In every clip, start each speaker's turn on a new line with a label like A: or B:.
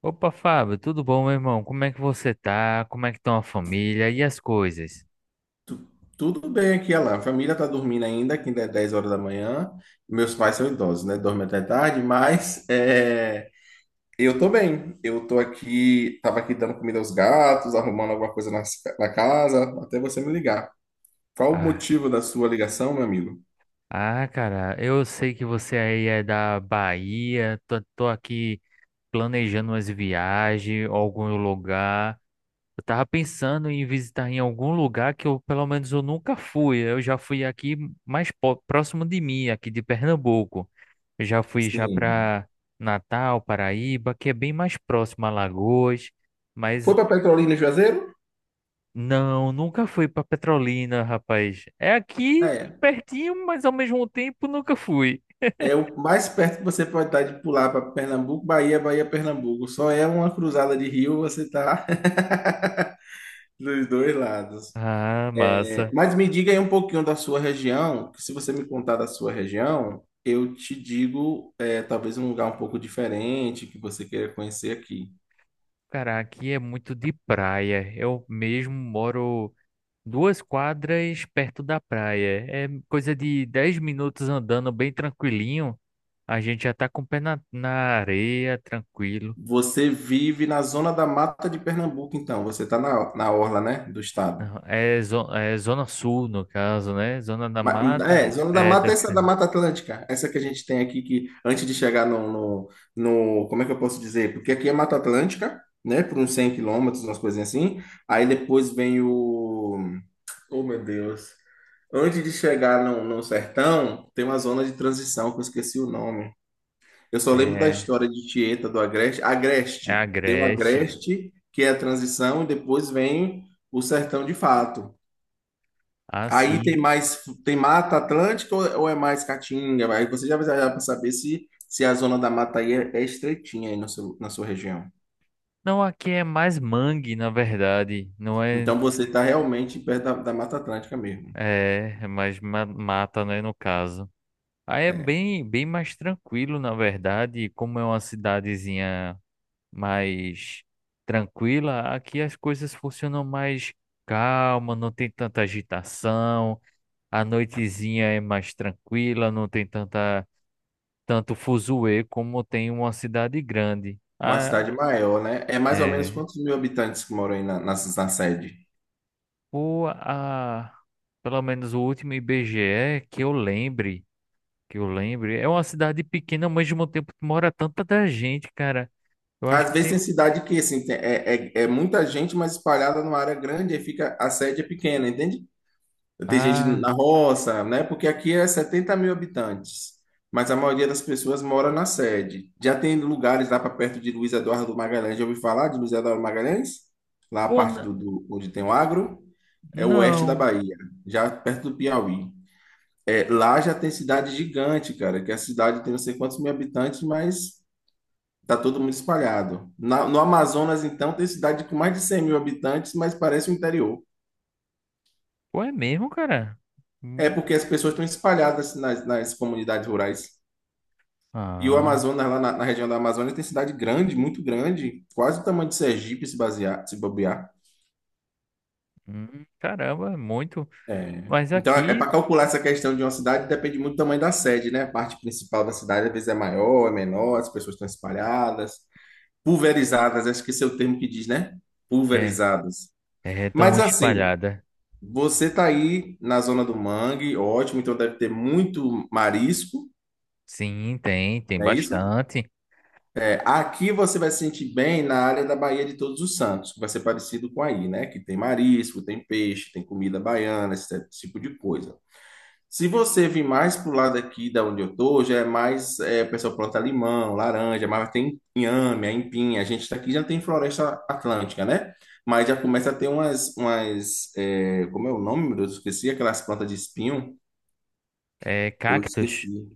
A: Opa, Fábio, tudo bom, meu irmão? Como é que você tá? Como é que estão a família e as coisas?
B: Tu- Tudo bem aqui, Alan. A família tá dormindo ainda, que ainda é 10 horas da manhã. Meus pais são idosos, né? Dormem até tarde, mas eu tô bem. Eu tô aqui, tava aqui dando comida aos gatos, arrumando alguma coisa na casa, até você me ligar. Qual o
A: Ah,
B: motivo da sua ligação, meu amigo?
A: ah, cara, eu sei que você aí é da Bahia, tô aqui planejando umas viagens, algum lugar. Eu tava pensando em visitar em algum lugar que eu, pelo menos, eu nunca fui. Eu já fui aqui mais próximo de mim, aqui de Pernambuco. Eu já fui já
B: Sim.
A: para Natal, Paraíba, que é bem mais próximo a Alagoas.
B: Foi
A: Mas.
B: para Petrolina e Juazeiro?
A: Não, nunca fui pra Petrolina, rapaz. É aqui
B: É.
A: pertinho, mas ao mesmo tempo nunca fui.
B: É o mais perto que você pode estar de pular para Pernambuco, Bahia, Bahia, Pernambuco. Só é uma cruzada de rio, você tá dos dois lados.
A: Ah, massa.
B: Mas me diga aí um pouquinho da sua região, que se você me contar da sua região, eu te digo, talvez um lugar um pouco diferente que você queira conhecer aqui.
A: Cara, aqui é muito de praia. Eu mesmo moro duas quadras perto da praia. É coisa de 10 minutos andando bem tranquilinho. A gente já tá com o pé na areia, tranquilo.
B: Você vive na zona da mata de Pernambuco, então. Você está na orla, né, do estado.
A: Não, é Zona Sul, no caso, né? Zona da
B: Ma- É,
A: Mata.
B: zona da
A: É,
B: mata, essa é da
A: descendo.
B: Mata Atlântica. Essa que a gente tem aqui, que antes de chegar como é que eu posso dizer? Porque aqui é Mata Atlântica, né, por uns 100 quilômetros, umas coisinhas assim. Aí depois vem o Oh, meu Deus. Antes de chegar no sertão, tem uma zona de transição que eu esqueci o nome. Eu só lembro da
A: É,
B: história de Tieta do Agreste.
A: é
B: Agreste. Tem o
A: Agreste.
B: Agreste, que é a transição, e depois vem o sertão de fato.
A: Ah,
B: Aí tem
A: sim.
B: mais, tem Mata Atlântica ou é mais Caatinga? Aí você já vai viajar para saber se a zona da mata aí é estreitinha aí no seu, na sua região.
A: Não, aqui é mais mangue, na verdade. Não é,
B: Então você está realmente perto da Mata Atlântica mesmo.
A: é, é mais mata, né, no caso. Aí é
B: É.
A: bem, bem mais tranquilo, na verdade. Como é uma cidadezinha mais tranquila, aqui as coisas funcionam mais calma, não tem tanta agitação. A noitezinha é mais tranquila, não tem tanta, tanto fuzuê como tem uma cidade grande.
B: Uma
A: Ah,
B: cidade maior, né? É mais ou menos
A: é.
B: quantos mil habitantes que moram aí na sede?
A: o a, Pelo menos o último IBGE que eu lembre, é uma cidade pequena, mas ao mesmo tempo mora tanta gente, cara. Eu acho
B: Às
A: que
B: vezes tem
A: tem.
B: cidade que, assim, é muita gente, mas espalhada numa área grande, aí fica, a sede é pequena, entende? Tem gente na
A: Ah,
B: roça, né? Porque aqui é 70 mil habitantes, mas a maioria das pessoas mora na sede. Já tem lugares lá para perto de Luiz Eduardo Magalhães, já ouviu falar de Luiz Eduardo Magalhães? Lá a
A: pô,
B: parte onde tem o agro, é o oeste da
A: não.
B: Bahia, já perto do Piauí. É, lá já tem cidade gigante, cara, que a cidade tem não sei quantos mil habitantes, mas tá todo mundo espalhado. No Amazonas, então, tem cidade com mais de 100 mil habitantes, mas parece o interior.
A: Pô, é mesmo, cara?
B: É
A: Hum,
B: porque as pessoas estão espalhadas nas comunidades rurais. E o
A: ah,
B: Amazonas, lá na região da Amazônia, tem cidade grande, muito grande, quase o tamanho de Sergipe, se basear, se bobear.
A: caramba, é muito.
B: É.
A: Mas
B: Então, é
A: aqui
B: para calcular essa questão de uma cidade, depende muito do tamanho da sede, né? A parte principal da cidade, às vezes, é maior, é menor, as pessoas estão espalhadas. Pulverizadas, acho que esse é o termo que diz, né?
A: é,
B: Pulverizadas.
A: é tão
B: Mas assim,
A: espalhada.
B: você tá aí na zona do mangue, ótimo, então deve ter muito marisco,
A: Sim, tem
B: não é isso?
A: bastante.
B: É, aqui você vai se sentir bem na área da Baía de Todos os Santos, que vai ser parecido com aí, né? Que tem marisco, tem peixe, tem comida baiana, esse tipo de coisa. Se você vir mais pro lado aqui da onde eu tô, já é mais, o pessoal planta limão, laranja, mas tem inhame, aipim. A gente tá aqui já tem floresta atlântica, né? Mas já começa a ter umas, como é o nome, meu Deus? Eu esqueci aquelas plantas de espinho.
A: É
B: Eu
A: cactus.
B: esqueci.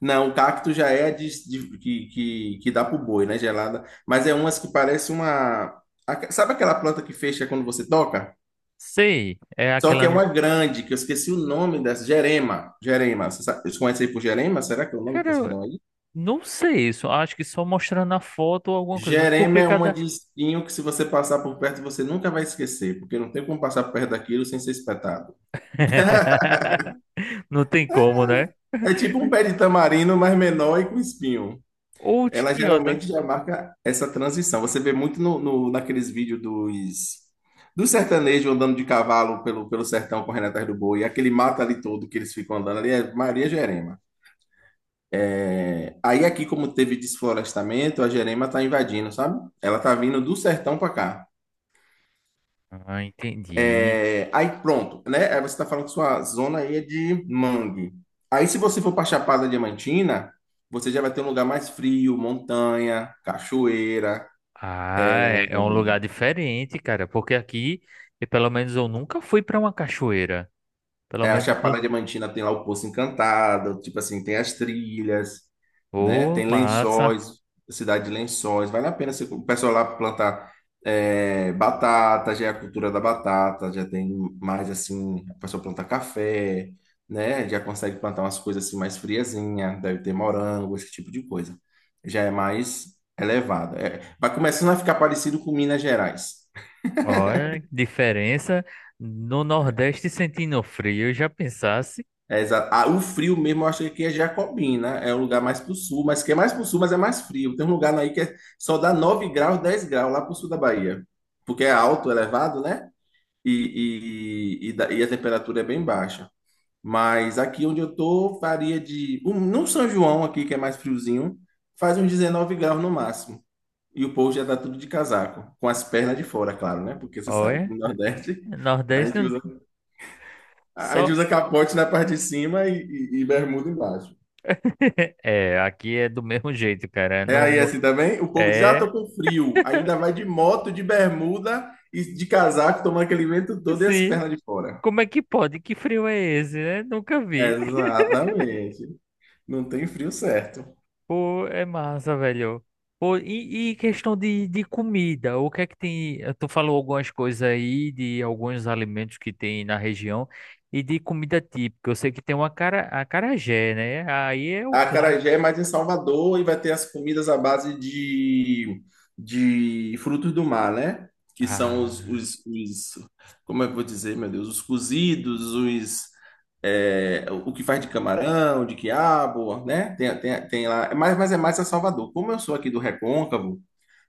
B: Não, o cacto já é que dá pro boi, né? Gelada. Mas é umas que parece uma. Sabe aquela planta que fecha quando você toca?
A: Sei, é
B: Só que
A: aquela.
B: é uma grande, que eu esqueci o nome dessa. Gerema. Gerema. Vocês conhecem aí por Gerema? Será que é o nome que vocês
A: Cara,
B: dão aí?
A: não sei isso. Acho que só mostrando a foto ou alguma coisa.
B: Gerema
A: Porque
B: é uma
A: cada.
B: de espinho que, se você passar por perto, você nunca vai esquecer, porque não tem como passar por perto daquilo sem ser espetado.
A: Não tem como, né?
B: É tipo um pé de tamarindo, mas menor e com espinho.
A: Ou de
B: Ela
A: que anda.
B: geralmente já marca essa transição. Você vê muito naqueles vídeos dos sertanejos andando de cavalo pelo sertão correndo atrás do boi, aquele mato ali todo que eles ficam andando ali, é Maria Gerema. Aí aqui, como teve desflorestamento, a Gerema tá invadindo, sabe? Ela tá vindo do sertão para cá.
A: Ah, entendi.
B: É, aí pronto, né? Aí você tá falando que sua zona aí é de mangue. Aí se você for para Chapada Diamantina, você já vai ter um lugar mais frio, montanha, cachoeira.
A: Ah, é um lugar diferente, cara. Porque aqui, e pelo menos eu nunca fui para uma cachoeira. Pelo
B: É, a
A: menos.
B: Chapada Diamantina tem lá o Poço Encantado, tipo assim, tem as trilhas, né?
A: Ô,
B: Tem
A: massa.
B: Lençóis, cidade de Lençóis. Vale a pena o pessoal lá plantar batata, já é a cultura da batata, já tem mais assim, o pessoal planta café, né? Já consegue plantar umas coisas assim mais friazinha, deve ter morango, esse tipo de coisa. Já é mais elevado. É, vai começando a ficar parecido com Minas Gerais.
A: Olha, diferença. No Nordeste sentindo frio, eu já pensasse.
B: É, exato. Ah, o frio mesmo, eu acho que aqui é Jacobina, né? É o lugar mais pro sul, mas que é mais pro sul, mas é mais frio. Tem um lugar aí que só dá 9 graus, 10 graus lá pro sul da Bahia, porque é alto, elevado, né? E, e a temperatura é bem baixa. Mas aqui onde eu tô, no São João, aqui que é mais friozinho, faz uns 19 graus no máximo. E o povo já tá tudo de casaco, com as pernas de fora, claro, né? Porque você sabe que
A: Olha,
B: no Nordeste a
A: Nordeste
B: gente usa. A gente
A: só.
B: usa capote na parte de cima e bermuda embaixo.
A: É, aqui é do mesmo jeito, cara.
B: É
A: Não
B: aí assim também? O povo diz, ah,
A: é
B: tô com frio. Ainda vai de moto, de bermuda e de casaco, tomando aquele vento todo e as
A: Sim.
B: pernas de fora.
A: Como é que pode? Que frio é esse, né? Nunca vi.
B: Exatamente. Não tem frio certo.
A: Pô, é massa, velho. Pô, e questão de comida, o que é que tem? Tu falou algumas coisas aí de alguns alimentos que tem na região e de comida típica. Eu sei que tem uma cara, acarajé, né? Aí é o
B: A
A: claro.
B: Acarajé é mais em Salvador e vai ter as comidas à base de frutos do mar, né? Que são
A: Ah,
B: como é que eu vou dizer, meu Deus, os cozidos, o que faz de camarão, de quiabo, né? Tem lá, mas é mais a Salvador. Como eu sou aqui do Recôncavo,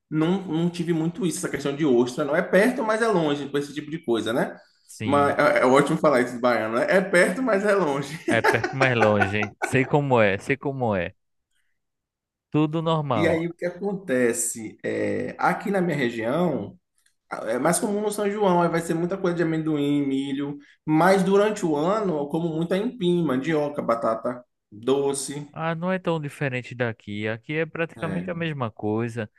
B: não tive muito isso, essa questão de ostra, não é perto, mas é longe, com esse tipo de coisa, né?
A: sim.
B: Mas é ótimo falar isso de baiano, né? É perto, mas é longe.
A: É perto mais longe, hein? Sei como é, sei como é. Tudo
B: E
A: normal.
B: aí o que acontece? É, aqui na minha região, é mais comum no São João, aí vai ser muita coisa de amendoim, milho, mas durante o ano eu como muita empim, mandioca, batata doce,
A: Ah, não é tão diferente daqui. Aqui é praticamente
B: é,
A: a mesma coisa.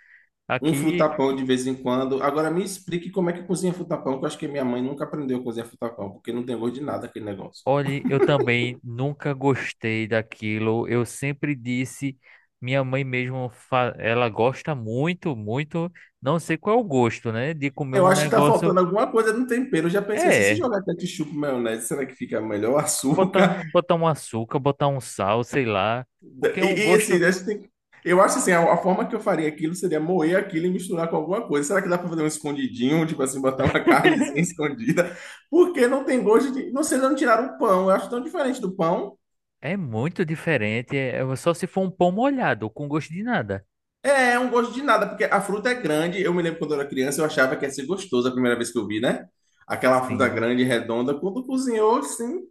B: um
A: Aqui.
B: frutapão de vez em quando. Agora me explique como é que cozinha frutapão, que eu acho que minha mãe nunca aprendeu a cozinhar frutapão, porque não tem gosto de nada aquele negócio.
A: Olhe, eu também nunca gostei daquilo. Eu sempre disse, minha mãe mesmo, ela gosta muito, muito, não sei qual é o gosto, né? De comer
B: Eu
A: um
B: acho que tá faltando
A: negócio,
B: alguma coisa no tempero. Eu já pensei assim, se
A: é,
B: jogar ketchup, maionese, será que fica melhor?
A: botar,
B: Açúcar?
A: botar um açúcar, botar um sal, sei lá, porque é um gosto
B: Assim, acho que eu acho assim, a forma que eu faria aquilo seria moer aquilo e misturar com alguma coisa. Será que dá para fazer um escondidinho, tipo assim, botar uma carnezinha escondida? Porque não tem gosto de. Não sei, não tiraram o pão. Eu acho tão diferente do pão.
A: é muito diferente, é só se for um pão molhado, com gosto de nada.
B: É, é um gosto de nada, porque a fruta é grande. Eu me lembro quando eu era criança, eu achava que ia ser gostoso a primeira vez que eu vi, né? Aquela fruta
A: Sim.
B: grande, redonda. Quando cozinhou, assim,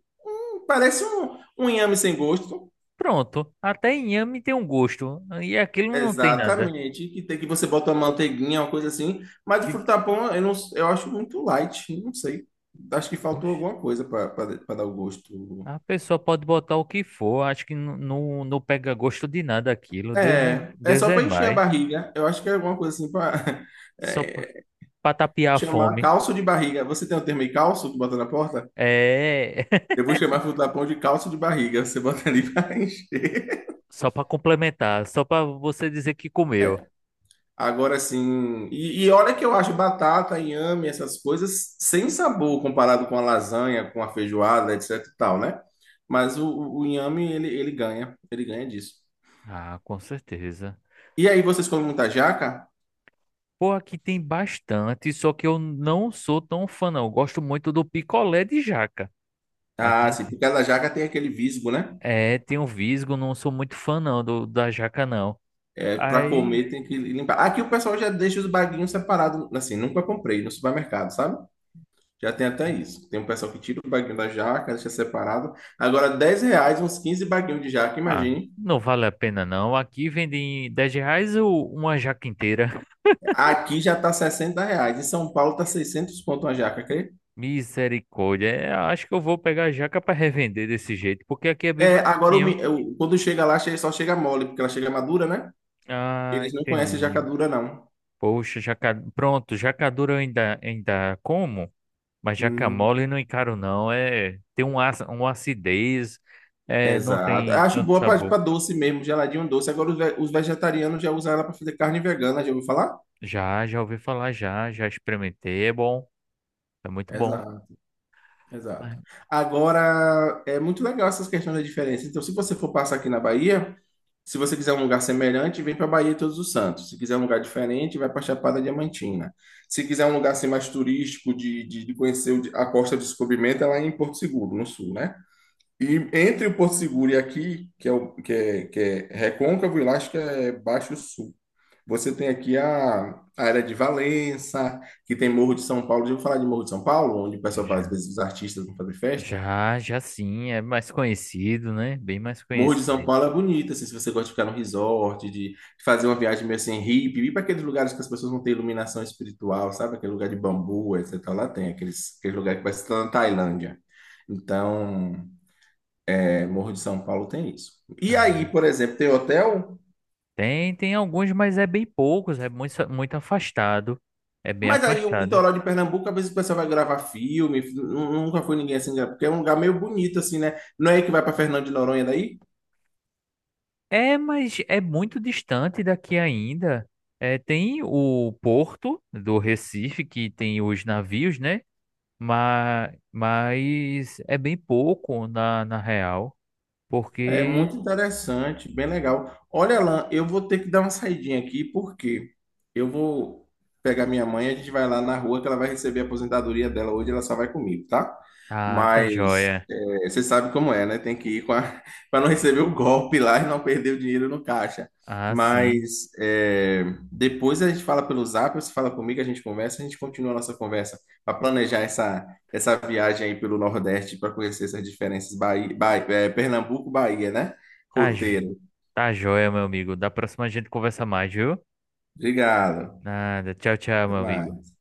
B: parece um inhame sem gosto.
A: Pronto, até inhame tem um gosto, e aquilo não tem nada.
B: Exatamente, que tem que você botar uma manteiguinha, uma coisa assim, mas o
A: Fica.
B: frutapão eu não, eu acho muito light, não sei. Acho que faltou
A: Oxe.
B: alguma coisa para dar o gosto.
A: A pessoa pode botar o que for, acho que não, não, não pega gosto de nada aquilo. Deus é,
B: É, é
A: Deus
B: só
A: é
B: para encher a
A: mais.
B: barriga. Eu acho que é alguma coisa assim para
A: Só para tapiar a
B: chamar
A: fome.
B: calço de barriga. Você tem o termo aí, calço que bota na porta?
A: É,
B: Eu vou chamar frutapão de calço de barriga. Você bota ali para encher.
A: só para complementar, só para você dizer que comeu.
B: Agora sim. E olha que eu acho batata, inhame, essas coisas sem sabor comparado com a lasanha, com a feijoada, etc e tal, né? Mas o inhame, ele ganha. Ele ganha disso.
A: Ah, com certeza.
B: E aí, vocês comem muita jaca?
A: Pô, aqui tem bastante, só que eu não sou tão fã, não. Eu gosto muito do picolé de jaca.
B: Ah,
A: Aqui
B: sim, porque cada jaca tem aquele visgo, né?
A: é, tem um visgo, não sou muito fã, não, do, da jaca, não.
B: É, para
A: Aí,
B: comer tem que limpar. Aqui o pessoal já deixa os baguinhos separados, assim, nunca comprei no supermercado, sabe? Já tem até isso. Tem um pessoal que tira o baguinho da jaca, deixa separado. Agora, R$ 10, uns 15 baguinhos de jaca,
A: ah,
B: imagine.
A: não vale a pena, não. Aqui vende em R$ 10 uma jaca inteira.
B: Aqui já tá 60 reais. Em São Paulo tá 600 conto uma jaca, crê?
A: Misericórdia. É, acho que eu vou pegar a jaca para revender desse jeito, porque aqui é bem
B: É, agora,
A: baratinho.
B: quando chega lá, só chega mole, porque ela chega madura, né?
A: Ah,
B: Eles não conhecem jaca
A: entendi.
B: dura, não.
A: Poxa, jaca. Pronto, jaca dura eu ainda como, mas jaca
B: Hum,
A: mole não encaro não. É, tem uma acidez, é, não
B: exato. Eu
A: tem
B: acho
A: tanto
B: boa pra
A: sabor.
B: doce mesmo, geladinho doce. Agora, os vegetarianos já usam ela pra fazer carne vegana, já ouviu falar?
A: Já, já ouvi falar já, já experimentei, é bom, é muito bom.
B: Exato, exato.
A: Mas-
B: Agora, é muito legal essas questões da diferença. Então, se você for passar aqui na Bahia, se você quiser um lugar semelhante, vem para Bahia e Todos os Santos. Se quiser um lugar diferente, vai para Chapada Diamantina. Se quiser um lugar assim, mais turístico, de conhecer o a Costa do Descobrimento, é lá em Porto Seguro, no sul, né? E entre o Porto Seguro e aqui, que é Recôncavo e lá acho que é Baixo Sul, você tem aqui a área de Valença, que tem Morro de São Paulo. Já ouviu falar de Morro de São Paulo, onde o pessoal faz, às
A: Já,
B: vezes, os artistas vão fazer festa?
A: já, já sim, é mais conhecido, né? Bem mais
B: Morro de São
A: conhecido.
B: Paulo é bonito, assim, se você gosta de ficar no resort, de fazer uma viagem meio assim hippie, ir para aqueles lugares que as pessoas não têm iluminação espiritual, sabe? Aquele lugar de bambu, etc. Lá tem aqueles, aquele lugar que parece que tá na Tailândia. Então, Morro de São Paulo tem isso. E aí,
A: Ah,
B: por exemplo, tem hotel,
A: tem alguns, mas é bem poucos, é muito, muito afastado. É bem
B: mas aí o
A: afastado.
B: litoral de Pernambuco, às vezes o pessoal vai gravar filme, nunca foi ninguém assim, porque é um lugar meio bonito, assim, né? Não é aí que vai para Fernando de Noronha daí?
A: É, mas é muito distante daqui ainda. É, tem o porto do Recife, que tem os navios, né? Mas é bem pouco na real,
B: É
A: porque.
B: muito interessante, bem legal. Olha, Alan, eu vou ter que dar uma saidinha aqui, porque eu vou pegar minha mãe, a gente vai lá na rua que ela vai receber a aposentadoria dela hoje, ela só vai comigo, tá?
A: Ah, tá
B: Mas
A: joia.
B: é, você sabe como é, né? Tem que ir com a para não receber o golpe lá e não perder o dinheiro no caixa.
A: Ah, sim.
B: Mas é, depois a gente fala pelo Zap, você fala comigo, a gente conversa, a gente continua a nossa conversa para planejar essa viagem aí pelo Nordeste para conhecer essas diferenças Bahia, Pernambuco, Bahia, né?
A: Tá, jo-
B: Roteiro.
A: tá joia, meu amigo. Da próxima a gente conversa mais, viu?
B: Obrigado.
A: Nada. Tchau, tchau, meu
B: Até
A: amigo.
B: mais.